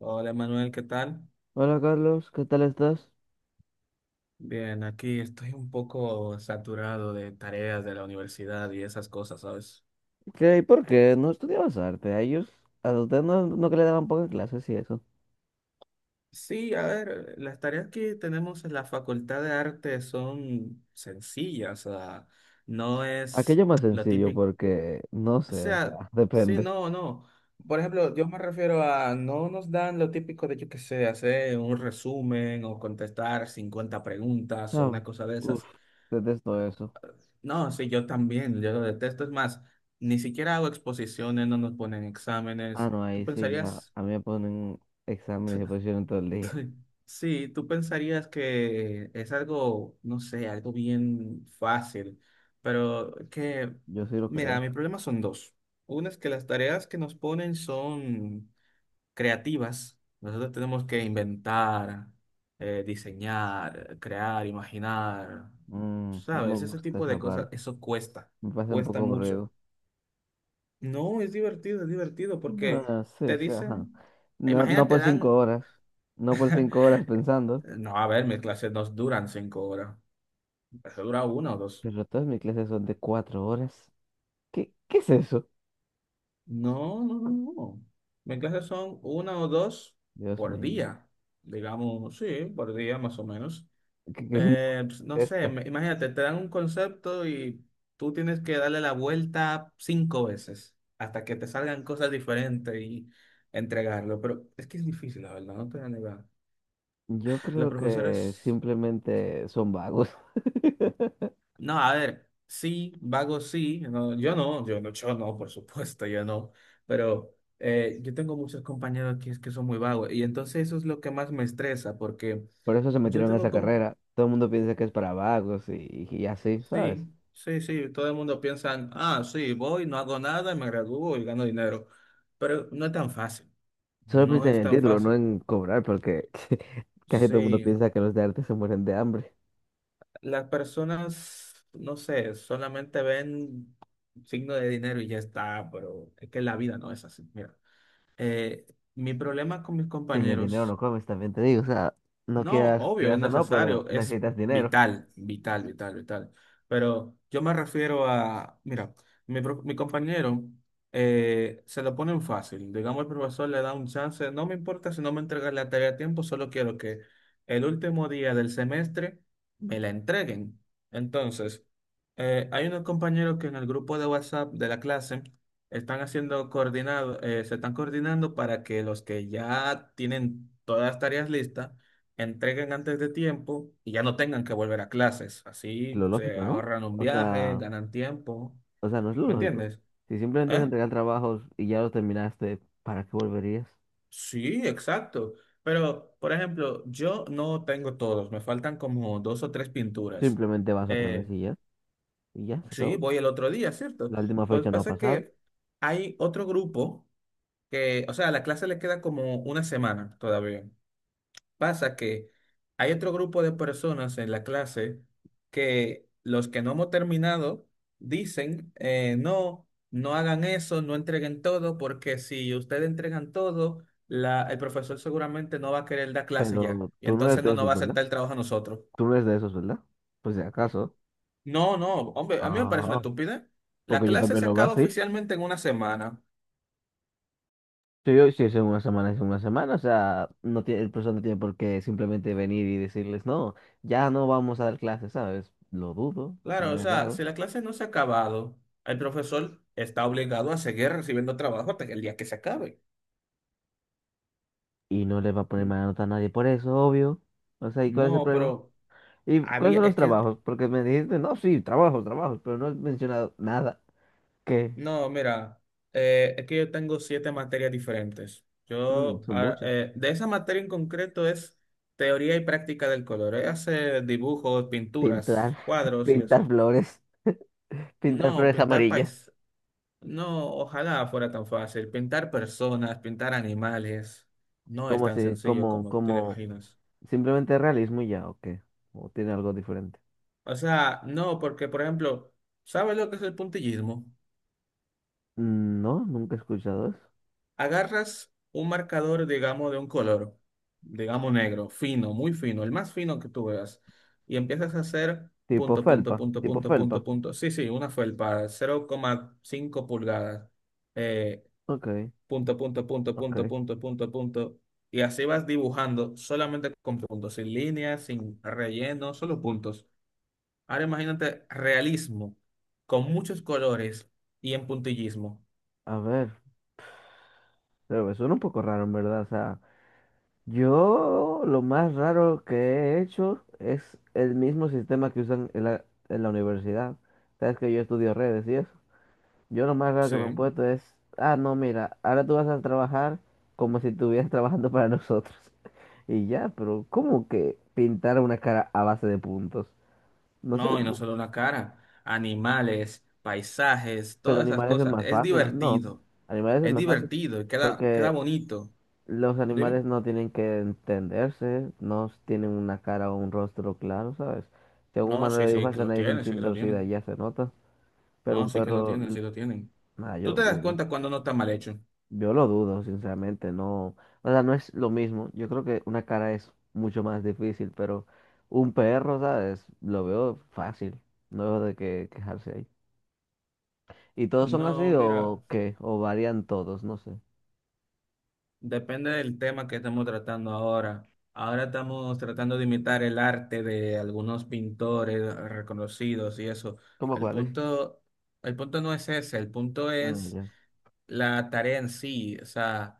Hola Manuel, ¿qué tal? Hola Carlos, ¿qué tal estás? Bien, aquí estoy un poco saturado de tareas de la universidad y esas cosas, ¿sabes? ¿Qué y por qué no estudiabas arte? A ellos, a ustedes no que le daban pocas clases y eso. Sí, a ver, las tareas que tenemos en la Facultad de Arte son sencillas, o sea, no es Aquello más lo sencillo típico, porque, no o sé, o sea, sea, sí, depende. no, no. Por ejemplo, yo me refiero a no nos dan lo típico de, yo qué sé, hacer un resumen o contestar 50 preguntas o Ah, una cosa de uf, esas. detesto eso. No, sí, yo también, yo lo detesto. Es más, ni siquiera hago exposiciones, no nos ponen Ah, exámenes. no, ahí sí ya, a mí me ponen exámenes y posiciones todo el día. Sí, tú pensarías que es algo, no sé, algo bien fácil, pero que, Yo sí lo creo. mira, mi problema son dos. Uno es que las tareas que nos ponen son creativas. Nosotros tenemos que inventar, diseñar, crear, imaginar, Mm, no me ¿sabes? Ese gusta tipo esa de cosas, parte, eso cuesta, me pasa un cuesta poco mucho. aburrido. No, es divertido porque Ah, sí, te sí, ajá. dicen, No, no imagínate, por cinco horas, no por cinco horas pensando, no, a ver, mis clases no duran 5 horas, mi clase dura una o dos. pero todas mis clases son de 4 horas. ¿Qué, qué es eso? No, no, no, no. Mis clases son una o dos Dios por mío. día, digamos, sí, por día más o menos. ¿Qué, qué sí me Pues, no sé, contesta? Imagínate, te dan un concepto y tú tienes que darle la vuelta cinco veces hasta que te salgan cosas diferentes y entregarlo, pero es que es difícil, la verdad, no te voy a negar. Yo Los creo que profesores. simplemente son vagos. No, a ver, sí, vago sí, no, yo no, yo no, yo no, por supuesto, yo no, pero yo tengo muchos compañeros que, es que son muy vagos y entonces eso es lo que más me estresa porque Por eso se yo metieron a tengo, esa com- carrera. Todo el mundo piensa que es para vagos y así, ¿sabes? sí, sí, sí, todo el mundo piensa, ah, sí, voy, no hago nada, me gradúo y gano dinero, pero no es tan fácil, Solo no piensan en es el tan título, no fácil, en cobrar, porque casi todo el mundo sí, piensa que los de arte se mueren de hambre. las personas, no sé, solamente ven signo de dinero y ya está, pero es que la vida no es así. Mira, eh, mi problema con mis Sin el dinero compañeros no comes, también te digo. O sea, no no, quieras, obvio, es quieras o no, pero necesario, es necesitas dinero. vital, vital, vital, vital. Pero yo me refiero a, mira, mi compañero, se lo ponen fácil. Digamos, el profesor le da un chance, no me importa si no me entregas la tarea a tiempo, solo quiero que el último día del semestre me la entreguen. Entonces, hay unos compañeros que en el grupo de WhatsApp de la clase se están coordinando para que los que ya tienen todas las tareas listas, entreguen antes de tiempo y ya no tengan que volver a clases. Así Lo se lógico, ¿no? ahorran un O viaje, sea, ganan tiempo. No es lo ¿Me lógico. entiendes? Si simplemente se ¿Eh? entregan trabajos y ya los terminaste, ¿para qué volverías? Sí, exacto. Pero, por ejemplo, yo no tengo todos, me faltan como dos o tres pinturas. Simplemente vas otra vez Eh, y ya. Y ya, se sí, acabó. voy el otro día, ¿cierto? La última Pues fecha no ha pasa pasado. que hay otro grupo que, o sea, a la clase le queda como una semana todavía. Pasa que hay otro grupo de personas en la clase que los que no hemos terminado dicen, no, no hagan eso, no entreguen todo, porque si ustedes entregan todo, el profesor seguramente no va a querer dar clase ya. Pero Y tú no eres entonces de no nos esos, va a ¿verdad? aceptar el trabajo a nosotros. Tú no eres de esos, ¿verdad? Pues si acaso. No, no, hombre, a mí me parece una Ah, estupidez. La porque yo clase también se lo veo acaba así. oficialmente en una semana. Sí, yo- si es en una semana, es en una semana. O sea, no tiene, el profesor no tiene por qué simplemente venir y decirles, no, ya no vamos a dar clases, ¿sabes? Lo dudo, Claro, o suena sea, raro. si la clase no se ha acabado, el profesor está obligado a seguir recibiendo trabajo hasta el día que se acabe. Y no le va a poner mala nota a nadie por eso, obvio. O sea, ¿y cuál es el No, problema? pero ¿Y cuáles había, son los es que, trabajos? Porque me dijiste, no, sí, trabajos, trabajos, pero no has mencionado nada. ¿Qué? no, mira, es que yo tengo siete materias diferentes. Mm, Yo, son ah, muchas. eh, de esa materia en concreto es teoría y práctica del color. Ella hace dibujos, Pintar, pinturas, cuadros y pintar eso. flores, pintar No, flores amarillas. No, ojalá fuera tan fácil. Pintar personas, pintar animales, no es ¿Cómo tan se, sencillo como, como te lo como, imaginas. simplemente realismo y ya, o qué? ¿O tiene algo diferente? O sea, no, porque, por ejemplo, ¿sabes lo que es el puntillismo? Mm, no, nunca he escuchado eso. Agarras un marcador, digamos, de un color, digamos negro, fino, muy fino, el más fino que tú veas, y empiezas a hacer Tipo punto, punto, felpa, punto, tipo punto, punto, felpa. punto. Sí, sí, una felpa, 0,5 pulgadas, eh, Ok, punto, punto, punto, punto, ok. punto, punto, punto. Y así vas dibujando solamente con puntos, sin líneas, sin relleno, solo puntos. Ahora imagínate realismo, con muchos colores y en puntillismo. A ver, pero me suena un poco raro, en verdad. O sea, yo lo más raro que he hecho es el mismo sistema que usan en la universidad. Sabes que yo estudio redes y eso. Yo lo más raro que Sí. me he puesto es, ah, no, mira, ahora tú vas a trabajar como si estuvieras trabajando para nosotros. Y ya, pero ¿cómo que pintar una cara a base de puntos? No sé, No, y no solo una cara, animales, paisajes, pero todas esas animales es cosas. más fácil, no, animales es Es más fácil, divertido y queda, queda porque bonito. los Dime. animales no tienen que entenderse, no tienen una cara o un rostro claro, ¿sabes? Si a un No, humano sí, le sí, dibujas que la lo nariz un tienen, sí chin que lo torcida y tienen. ya se nota, pero No, un sí que lo perro, tienen, l- sí lo tienen. nada, yo ¿Tú lo te das dudo. cuenta cuando no está mal hecho? Yo lo dudo, sinceramente, no, o sea, no es lo mismo. Yo creo que una cara es mucho más difícil, pero un perro, ¿sabes? Lo veo fácil, no veo de qué quejarse ahí. ¿Y todos son No, así mira. o qué? ¿O varían todos? No sé. Depende del tema que estamos tratando ahora. Ahora estamos tratando de imitar el arte de algunos pintores reconocidos y eso. ¿Cómo El cuáles? punto, el punto no es ese, el punto Ah, es ya. la tarea en sí. O sea,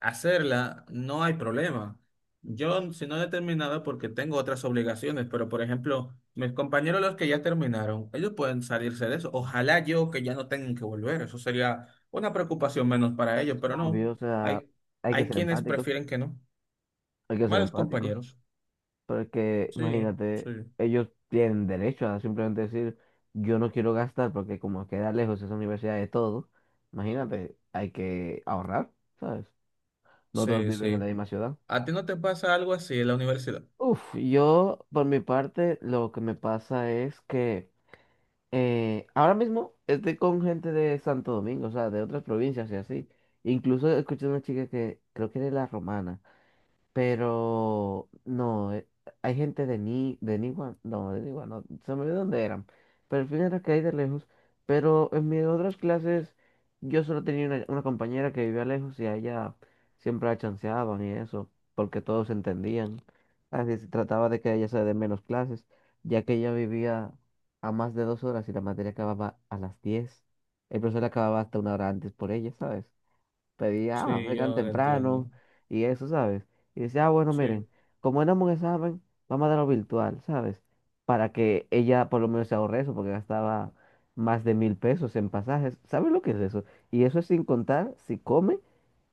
hacerla no hay problema. Yo, si no he terminado, porque tengo otras obligaciones, pero por ejemplo, mis compañeros los que ya terminaron, ellos pueden salirse de eso. Ojalá yo que ya no tengan que volver. Eso sería una preocupación menos para ellos, pero no. Obvio, o sea, Hay hay que hay ser quienes empáticos, prefieren que no. hay que ser Malos empáticos, compañeros. pero es que, Sí, imagínate, sí, ellos tienen derecho a simplemente decir, yo no quiero gastar porque como queda lejos esa universidad de todo, imagínate, hay que ahorrar, ¿sabes? No todos sí, viven en la sí. misma ciudad. ¿A ti no te pasa algo así en la universidad? Uf, yo por mi parte lo que me pasa es que ahora mismo estoy con gente de Santo Domingo, o sea, de otras provincias y así. Incluso escuché una chica que creo que era de la Romana. Pero no, hay gente de Ni, de Niwa, no, se me olvidó dónde eran. Pero al final era que hay de lejos. Pero en mis otras clases, yo solo tenía una compañera que vivía lejos y a ella siempre la chanceaban y eso, porque todos se entendían. Así se trataba de que a ella se dé menos clases, ya que ella vivía a más de 2 horas y la materia acababa a las 10. El profesor acababa hasta una hora antes por ella, ¿sabes? Pedía, ah, Sí, vengan yo lo temprano entiendo. y eso, ¿sabes? Y decía, ah, bueno, miren, Sí, como éramos un examen, vamos a darlo virtual, ¿sabes? Para que ella por lo menos se ahorre eso, porque gastaba más de 1000 pesos en pasajes. ¿Sabes lo que es eso? Y eso es sin contar si come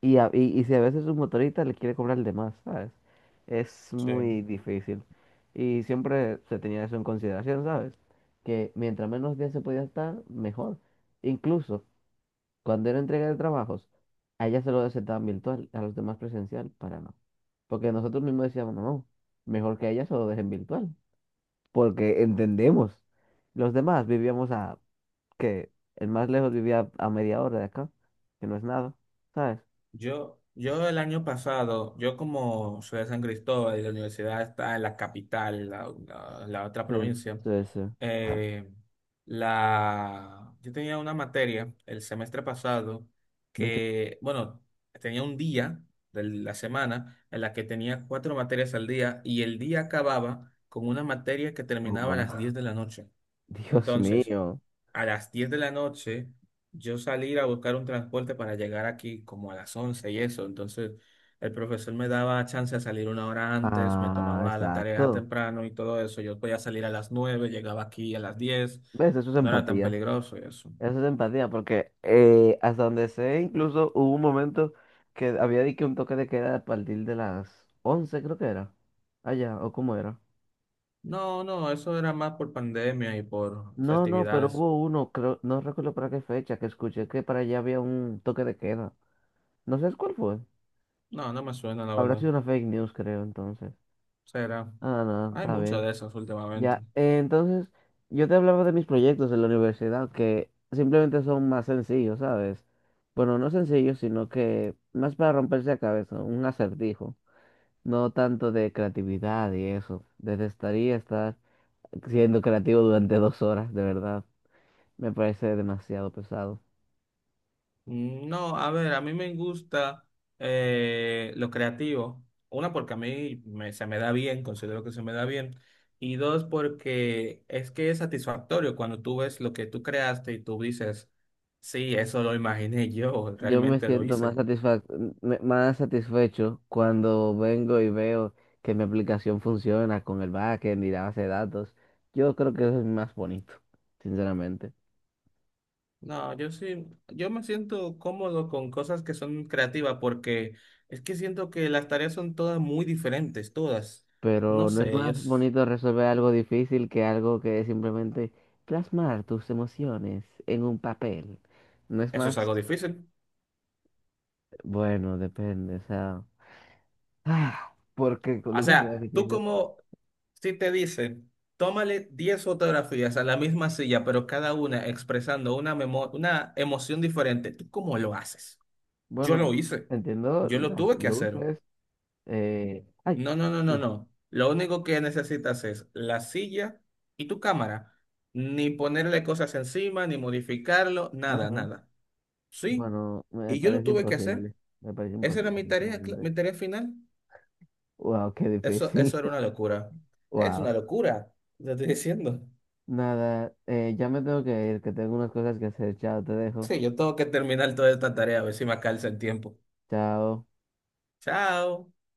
y, a- y si a veces su motorista le quiere cobrar de más, ¿sabes? Es sí. muy difícil. Y siempre se tenía eso en consideración, ¿sabes? Que mientras menos días se podía estar, mejor. Incluso, cuando era entrega de trabajos, a ella se lo aceptaban virtual, a los demás presencial, para no. Porque nosotros mismos decíamos, no, no, mejor que a ella se lo dejen virtual. Porque entendemos. Los demás vivíamos a, que el más lejos vivía a media hora de acá, que no es nada, ¿sabes? Yo el año pasado, yo como soy de San Cristóbal y la universidad está en la capital, la otra Sí, provincia, sí, sí. eh, yo tenía una materia el semestre pasado Ve que- que, bueno, tenía un día de la semana en la que tenía cuatro materias al día y el día acababa con una materia que oh, terminaba a las wow. 10 de la noche. Dios Entonces, mío. a las 10 de la noche, yo salir a buscar un transporte para llegar aquí como a las 11 y eso. Entonces, el profesor me daba chance de salir una hora antes, me Ah, tomaba la tarea exacto. temprano y todo eso. Yo podía salir a las 9, llegaba aquí a las 10. ¿Ves? Eso es No era tan empatía. peligroso y eso. Eso es empatía, porque hasta donde sé, incluso hubo un momento que había dicho un toque de queda a partir de las 11 creo que era. Allá, o cómo era. No, no, eso era más por pandemia y por No, no, pero festividades. hubo uno, creo, no recuerdo para qué fecha, que escuché que para allá había un toque de queda. No sé cuál fue. No, no me suena, la Habrá verdad. sido una fake news, creo, entonces. Será. Ah, no, Hay está mucho bien. de esas últimamente. Ya, entonces yo te hablaba de mis proyectos en la universidad que simplemente son más sencillos, ¿sabes? Bueno, no sencillos, sino que más para romperse la cabeza, un acertijo, no tanto de creatividad y eso. Detestaría estar siendo creativo durante 2 horas, de verdad. Me parece demasiado pesado. No, a ver, a mí me gusta lo creativo. Una, porque se me da bien, considero que se me da bien. Y dos, porque es que es satisfactorio cuando tú ves lo que tú creaste y tú dices, sí, eso lo imaginé yo, Yo me realmente lo siento más hice. satisfa- me- más satisfecho cuando vengo y veo que mi aplicación funciona con el backend y la base de datos. Yo creo que eso es más bonito, sinceramente. No, yo sí, yo me siento cómodo con cosas que son creativas porque es que siento que las tareas son todas muy diferentes, todas. No Pero no es sé, más bonito resolver algo difícil que algo que es simplemente plasmar tus emociones en un papel. No es eso es más, algo difícil. bueno, depende, o sea, ah, porque con O lo que sea sea, tú difícil. como Si te dicen, tómale 10 fotografías a la misma silla, pero cada una expresando una emoción diferente, ¿tú cómo lo haces? Yo lo Bueno, hice. entiendo Yo lo las tuve que hacer. luces, ay, No, no, no, no, Dios, no. Lo único que necesitas es la silla y tu cámara. Ni ponerle cosas encima, ni modificarlo, nada, nada. nada. Sí. Bueno, me Y yo lo parece tuve que hacer. imposible. Me parece Esa era imposible, mi tarea, sinceramente. mi tarea final. Wow, qué Eso, difícil. eso era una locura. Es Wow. una locura, te estoy diciendo. Nada, ya me tengo que ir, que tengo unas cosas que hacer. Chao, te dejo. Sí, yo tengo que terminar toda esta tarea, a ver si me alcanza el tiempo. Chao. Chao.